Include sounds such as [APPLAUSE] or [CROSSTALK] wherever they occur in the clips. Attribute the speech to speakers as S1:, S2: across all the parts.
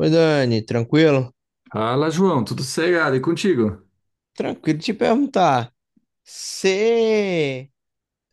S1: Oi, Dani, tranquilo?
S2: Fala, João, tudo sossegado e contigo?
S1: Tranquilo te perguntar. Você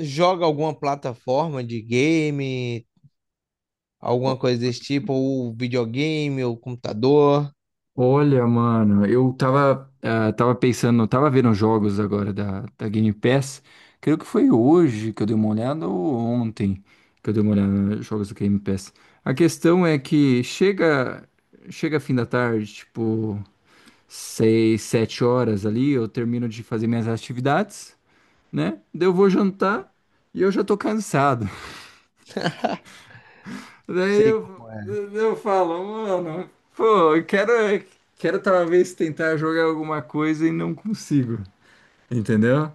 S1: joga alguma plataforma de game,
S2: O-
S1: alguma coisa desse tipo, ou videogame, ou computador?
S2: Olha, mano, eu tava, tava pensando, tava vendo os jogos agora da Game Pass. Creio que foi hoje que eu dei uma olhada ou ontem que eu dei uma olhada nos jogos da Game Pass. A questão é que chega fim da tarde, tipo, seis, sete horas ali, eu termino de fazer minhas atividades, né? Daí eu vou jantar e eu já tô cansado. Daí
S1: Sei
S2: eu,
S1: como é.
S2: eu falo, mano, pô, quero talvez tentar jogar alguma coisa e não consigo, entendeu?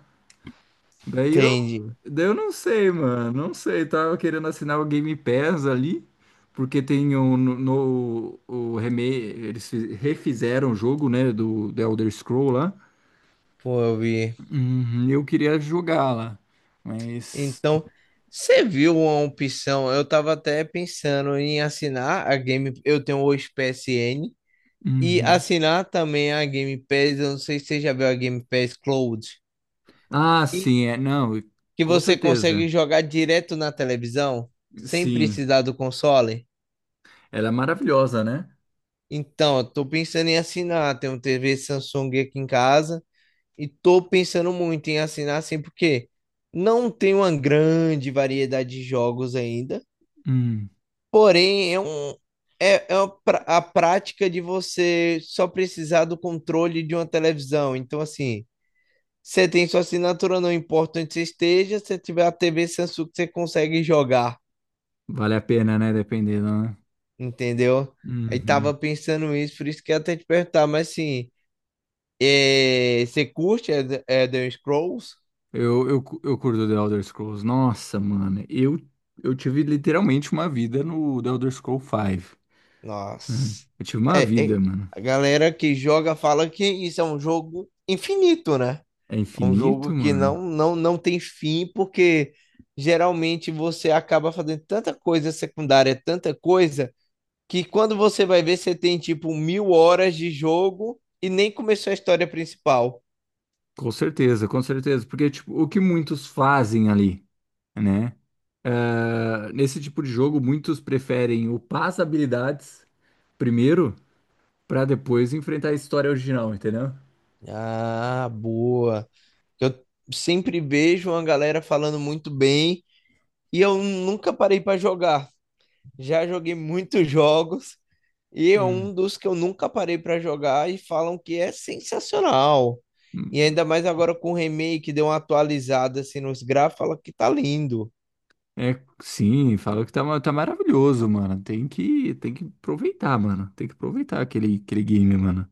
S2: Daí eu,
S1: Entendi.
S2: daí eu não sei, mano, não sei. Tava querendo assinar o Game Pass ali, porque tem um o eles refizeram o jogo, né, do Elder Scroll lá.
S1: Pô, eu vi.
S2: Uhum, eu queria jogar lá, mas.
S1: Então, você viu uma opção? Eu tava até pensando em assinar a Game. Eu tenho o PSN e
S2: Uhum.
S1: assinar também a Game Pass. Eu não sei se você já viu a Game Pass Cloud,
S2: Ah, sim, é, não,
S1: que
S2: com
S1: você consegue
S2: certeza.
S1: jogar direto na televisão, sem
S2: Sim,
S1: precisar do console.
S2: ela é maravilhosa, né?
S1: Então, eu tô pensando em assinar. Tem um TV Samsung aqui em casa e tô pensando muito em assinar assim, porque não tem uma grande variedade de jogos ainda.
S2: Hum,
S1: Porém, é uma pra- a prática de você só precisar do controle de uma televisão. Então, assim, você tem sua assinatura, não importa onde você esteja, se tiver a TV Samsung, você consegue jogar,
S2: vale a pena, né? Dependendo, né?
S1: entendeu? Aí tava
S2: Uhum.
S1: pensando isso, por isso que eu até te perguntar, mas assim, é, você curte Elder Scrolls?
S2: Eu curto The Elder Scrolls. Nossa, mano. Eu tive literalmente uma vida no The Elder Scrolls 5. Né?
S1: Nossa.
S2: Eu tive uma
S1: É, é,
S2: vida, mano.
S1: a galera que joga fala que isso é um jogo infinito, né?
S2: É
S1: É um
S2: infinito,
S1: jogo que
S2: mano?
S1: não, não, não tem fim, porque geralmente você acaba fazendo tanta coisa secundária, tanta coisa, que quando você vai ver, você tem tipo 1.000 horas de jogo e nem começou a história principal.
S2: Com certeza, com certeza. Porque, tipo, o que muitos fazem ali, né? Ah, nesse tipo de jogo, muitos preferem upar as habilidades primeiro, pra depois enfrentar a história original, entendeu?
S1: Ah, boa. Que eu sempre vejo uma galera falando muito bem e eu nunca parei para jogar. Já joguei muitos [LAUGHS] jogos e é
S2: Hum.
S1: um dos que eu nunca parei para jogar e falam que é sensacional. E ainda mais agora com o remake, deu uma atualizada assim nos gráficos, fala que tá lindo.
S2: É, sim, fala que tá, tá maravilhoso, mano. Tem que aproveitar, mano. Tem que aproveitar aquele game, mano,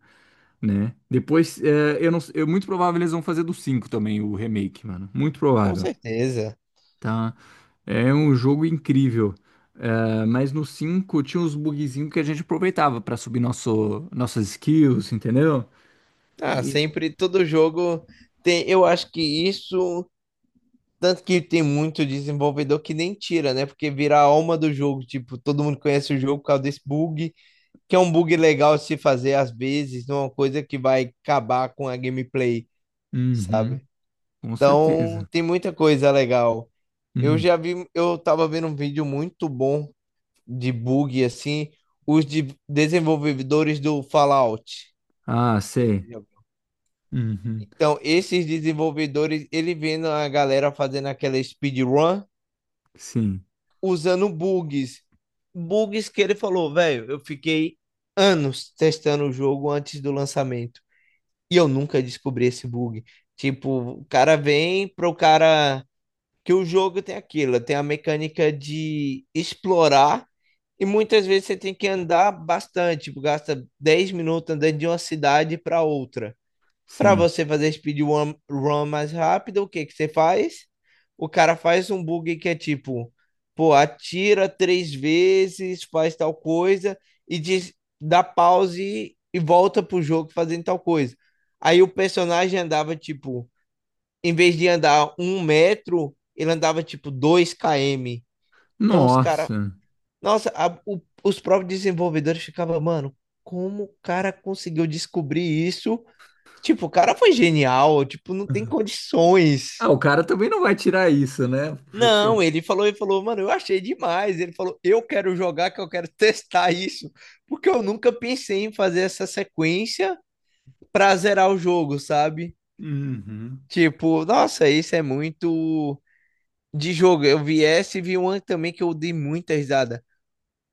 S2: né? Depois, é, eu não, eu, muito provável eles vão fazer do cinco também, o remake, mano. Muito
S1: Com
S2: provável,
S1: certeza.
S2: tá? É um jogo incrível. É, mas no 5 tinha uns bugzinhos que a gente aproveitava pra subir nosso, nossas skills, entendeu?
S1: Ah,
S2: E-
S1: sempre todo jogo tem, eu acho que isso, tanto que tem muito desenvolvedor que nem tira, né? Porque vira a alma do jogo, tipo, todo mundo conhece o jogo por causa desse bug, que é um bug legal se fazer às vezes, não é uma coisa que vai acabar com a gameplay,
S2: Uhum,
S1: sabe?
S2: com
S1: Então,
S2: certeza.
S1: tem muita coisa legal. Eu
S2: Hum.
S1: já vi, eu tava vendo um vídeo muito bom de bug assim, os desenvolvedores do Fallout.
S2: Ah,
S1: Não sei se você
S2: sei.
S1: já viu.
S2: Uhum,
S1: Então, esses desenvolvedores, ele vendo a galera fazendo aquela speedrun
S2: sim,
S1: usando bugs. Bugs que ele falou, velho, eu fiquei anos testando o jogo antes do lançamento. E eu nunca descobri esse bug. Tipo, o cara vem pro cara. Que o jogo tem aquilo, tem a mecânica de explorar, e muitas vezes você tem que andar bastante, tipo, gasta 10 minutos andando de uma cidade para outra. Para
S2: sim.
S1: você fazer speedrun run mais rápido, o que que você faz? O cara faz um bug que é tipo, pô, atira três vezes, faz tal coisa e diz, dá pause e volta pro jogo fazendo tal coisa. Aí o personagem andava tipo, em vez de andar um metro, ele andava tipo 2 km. Então os caras,
S2: Nossa.
S1: nossa, os próprios desenvolvedores ficavam, mano, como o cara conseguiu descobrir isso. Tipo, o cara foi genial, tipo, não tem
S2: Ah,
S1: condições.
S2: o cara também não vai tirar isso, né?
S1: Não,
S2: Porque-
S1: ele falou, mano, eu achei demais. Ele falou, eu quero jogar, que eu quero [LAUGHS] testar isso, porque eu nunca pensei em fazer essa sequência pra zerar o jogo, sabe?
S2: Uhum,
S1: Tipo, nossa, isso é muito de jogo. Eu vi essa e vi uma também que eu dei muita risada.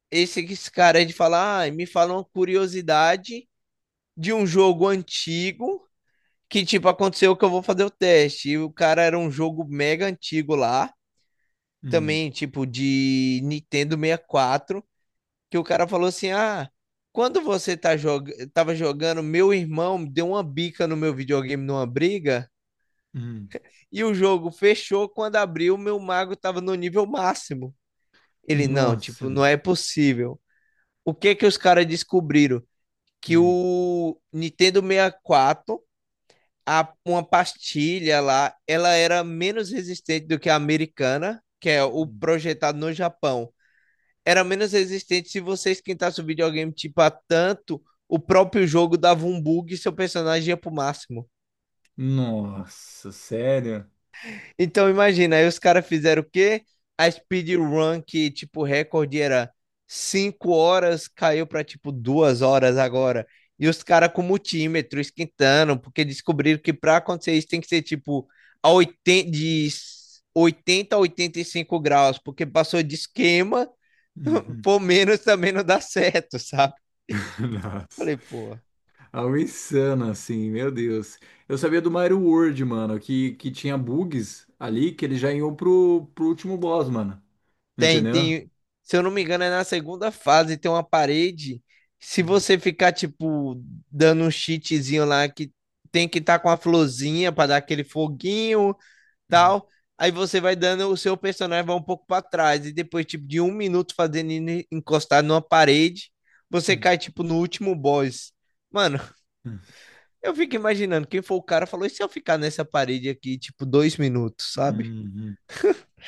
S1: Esse cara aí de falar, ah, me fala uma curiosidade de um jogo antigo que, tipo, aconteceu, que eu vou fazer o teste. E o cara, era um jogo mega antigo lá,
S2: hum,
S1: também, tipo, de Nintendo 64. Que o cara falou assim: ah, quando você tá jog... tava jogando, meu irmão deu uma bica no meu videogame numa briga,
S2: hum.
S1: e o jogo fechou. Quando abriu, meu mago tava no nível máximo. Ele, não, tipo,
S2: Nossa.
S1: não é possível. O que que os caras descobriram? Que
S2: Hum,
S1: o Nintendo 64, a, uma pastilha lá, ela era menos resistente do que a americana, que é o
S2: hum,
S1: projetado no Japão. Era menos resistente se você esquentasse o videogame tipo a tanto, o próprio jogo dava um bug e seu personagem ia pro máximo.
S2: Nossa, sério?
S1: Então, imagina, aí os caras fizeram o quê? A speedrun que, tipo, o recorde era 5 horas, caiu pra, tipo, 2 horas agora. E os caras com multímetro esquentando, porque descobriram que pra acontecer isso tem que ser, tipo, a 80 de 80 a 85 graus, porque passou de esquema, [LAUGHS]
S2: Uhum.
S1: por menos também não dá certo, sabe?
S2: [LAUGHS] Nossa.
S1: Falei, pô,
S2: Algo insano, assim, meu Deus. Eu sabia do Mario World, mano, que tinha bugs ali que ele já iam pro último boss, mano.
S1: tem,
S2: Entendeu?
S1: tem. Se eu não me engano, é na segunda fase, tem uma parede. Se
S2: Hum,
S1: você ficar, tipo, dando um cheatzinho lá, que tem que estar com a florzinha para dar aquele foguinho,
S2: hum,
S1: tal. Aí você vai dando, o seu personagem vai um pouco para trás. E depois, tipo, de 1 minuto fazendo ele encostar numa parede, você
S2: hum,
S1: cai, tipo, no último boss. Mano,
S2: hum.
S1: eu fico imaginando, quem for o cara falou, e se eu ficar nessa parede aqui, tipo, 2 minutos, sabe?
S2: Uhum.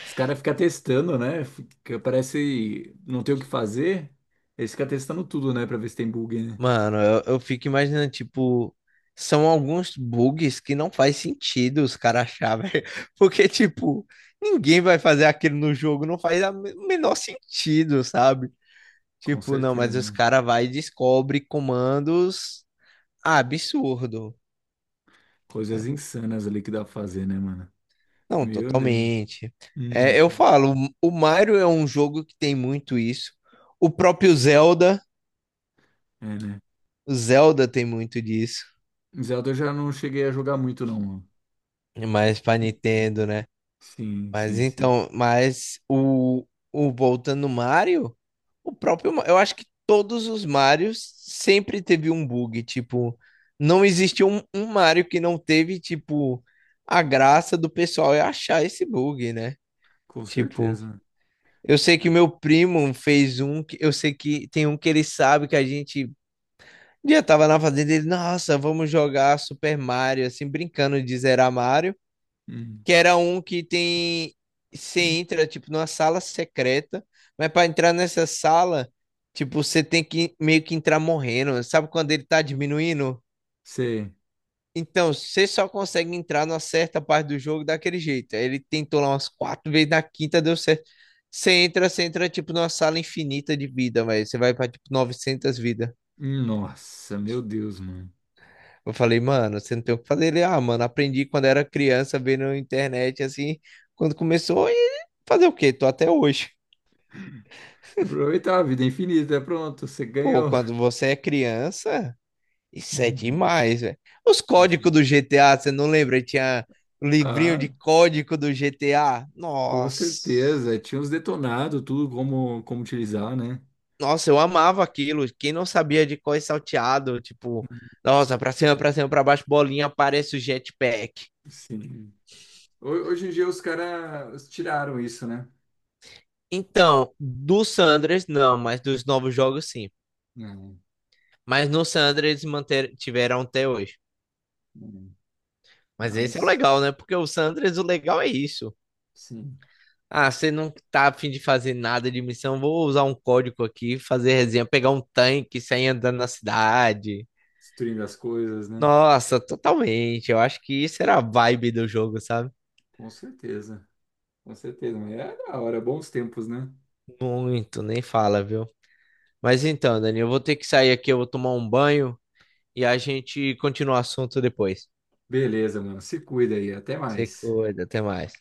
S2: Os caras ficam testando, né? Fica- parece não ter o que fazer. Eles ficam testando tudo, né? Pra ver se tem bug, né?
S1: Mano, eu fico imaginando, tipo, são alguns bugs que não faz sentido os caras achar, velho. [LAUGHS] Porque, tipo, ninguém vai fazer aquilo no jogo, não faz o menor sentido, sabe?
S2: Com
S1: Tipo, não,
S2: certeza,
S1: mas os
S2: né?
S1: caras vai e descobre comandos, ah, absurdo.
S2: Coisas insanas ali que dá pra fazer, né, mano?
S1: Não,
S2: Meu Deus.
S1: totalmente.
S2: Hum,
S1: É, eu falo, o Mario é um jogo que tem muito isso. O próprio Zelda,
S2: é, né?
S1: o Zelda tem muito disso.
S2: Zelda eu já não cheguei a jogar muito, não, mano.
S1: Mas pra Nintendo,
S2: Uhum.
S1: né?
S2: Sim,
S1: Mas
S2: sim, sim.
S1: então, mas o voltando no Mario, eu acho que todos os Marios sempre teve um bug, tipo, não existiu um Mario que não teve, tipo, a graça do pessoal é achar esse bug, né?
S2: Com
S1: Tipo,
S2: certeza.
S1: eu sei que meu primo fez um, que- eu sei que tem um que ele sabe que a gente, um dia, tava na fazenda, ele, nossa, vamos jogar Super Mario, assim, brincando de zerar Mario,
S2: Hum.
S1: que era um que tem. Você entra, tipo, numa sala secreta, mas pra entrar nessa sala, tipo, você tem que meio que entrar morrendo. Sabe quando ele tá diminuindo?
S2: Você.
S1: Então, você só consegue entrar numa certa parte do jogo daquele jeito. Aí ele tentou lá umas quatro vezes, na quinta deu certo. Você entra, tipo, numa sala infinita de vida, velho. Você vai pra, tipo, 900 vidas.
S2: Nossa, meu Deus, mano.
S1: Eu falei, mano, você não tem o que fazer. Ele, ah, mano, aprendi quando era criança, vendo na internet, assim, quando começou, e fazer o quê? Tô até hoje.
S2: Aproveitar a vida é infinita, pronto, você
S1: Pô,
S2: ganhou.
S1: quando você é criança, isso é
S2: Uhum.
S1: demais, velho. Os
S2: Nossa.
S1: códigos do GTA, você não lembra? Tinha um livrinho de
S2: Ah,
S1: código do GTA.
S2: com
S1: Nossa.
S2: certeza, tinha uns detonados, tudo como, como utilizar, né?
S1: Nossa, eu amava aquilo. Quem não sabia de cor e salteado, tipo, nossa, pra cima, pra cima, pra baixo, bolinha, aparece o jetpack.
S2: Sim. Hoje em dia os caras tiraram isso, né?
S1: Então, do San Andreas, não, mas dos novos jogos, sim.
S2: Não,
S1: Mas no San Andreas manter, tiveram até hoje.
S2: não. Ah,
S1: Mas esse é o
S2: mas
S1: legal, né? Porque o San Andreas, o legal é isso.
S2: sim,
S1: Ah, você não tá a fim de fazer nada de missão? Vou usar um código aqui, fazer resenha, pegar um tanque, e sair andando na cidade.
S2: destruindo as coisas, né?
S1: Nossa, totalmente. Eu acho que isso era a vibe do jogo, sabe?
S2: Com certeza, com certeza. Mas é da hora, bons tempos, né?
S1: Muito, nem fala, viu? Mas então, Dani, eu vou ter que sair aqui, eu vou tomar um banho e a gente continua o assunto depois.
S2: Beleza, mano. Se cuida aí, até
S1: Se
S2: mais.
S1: cuida, até mais.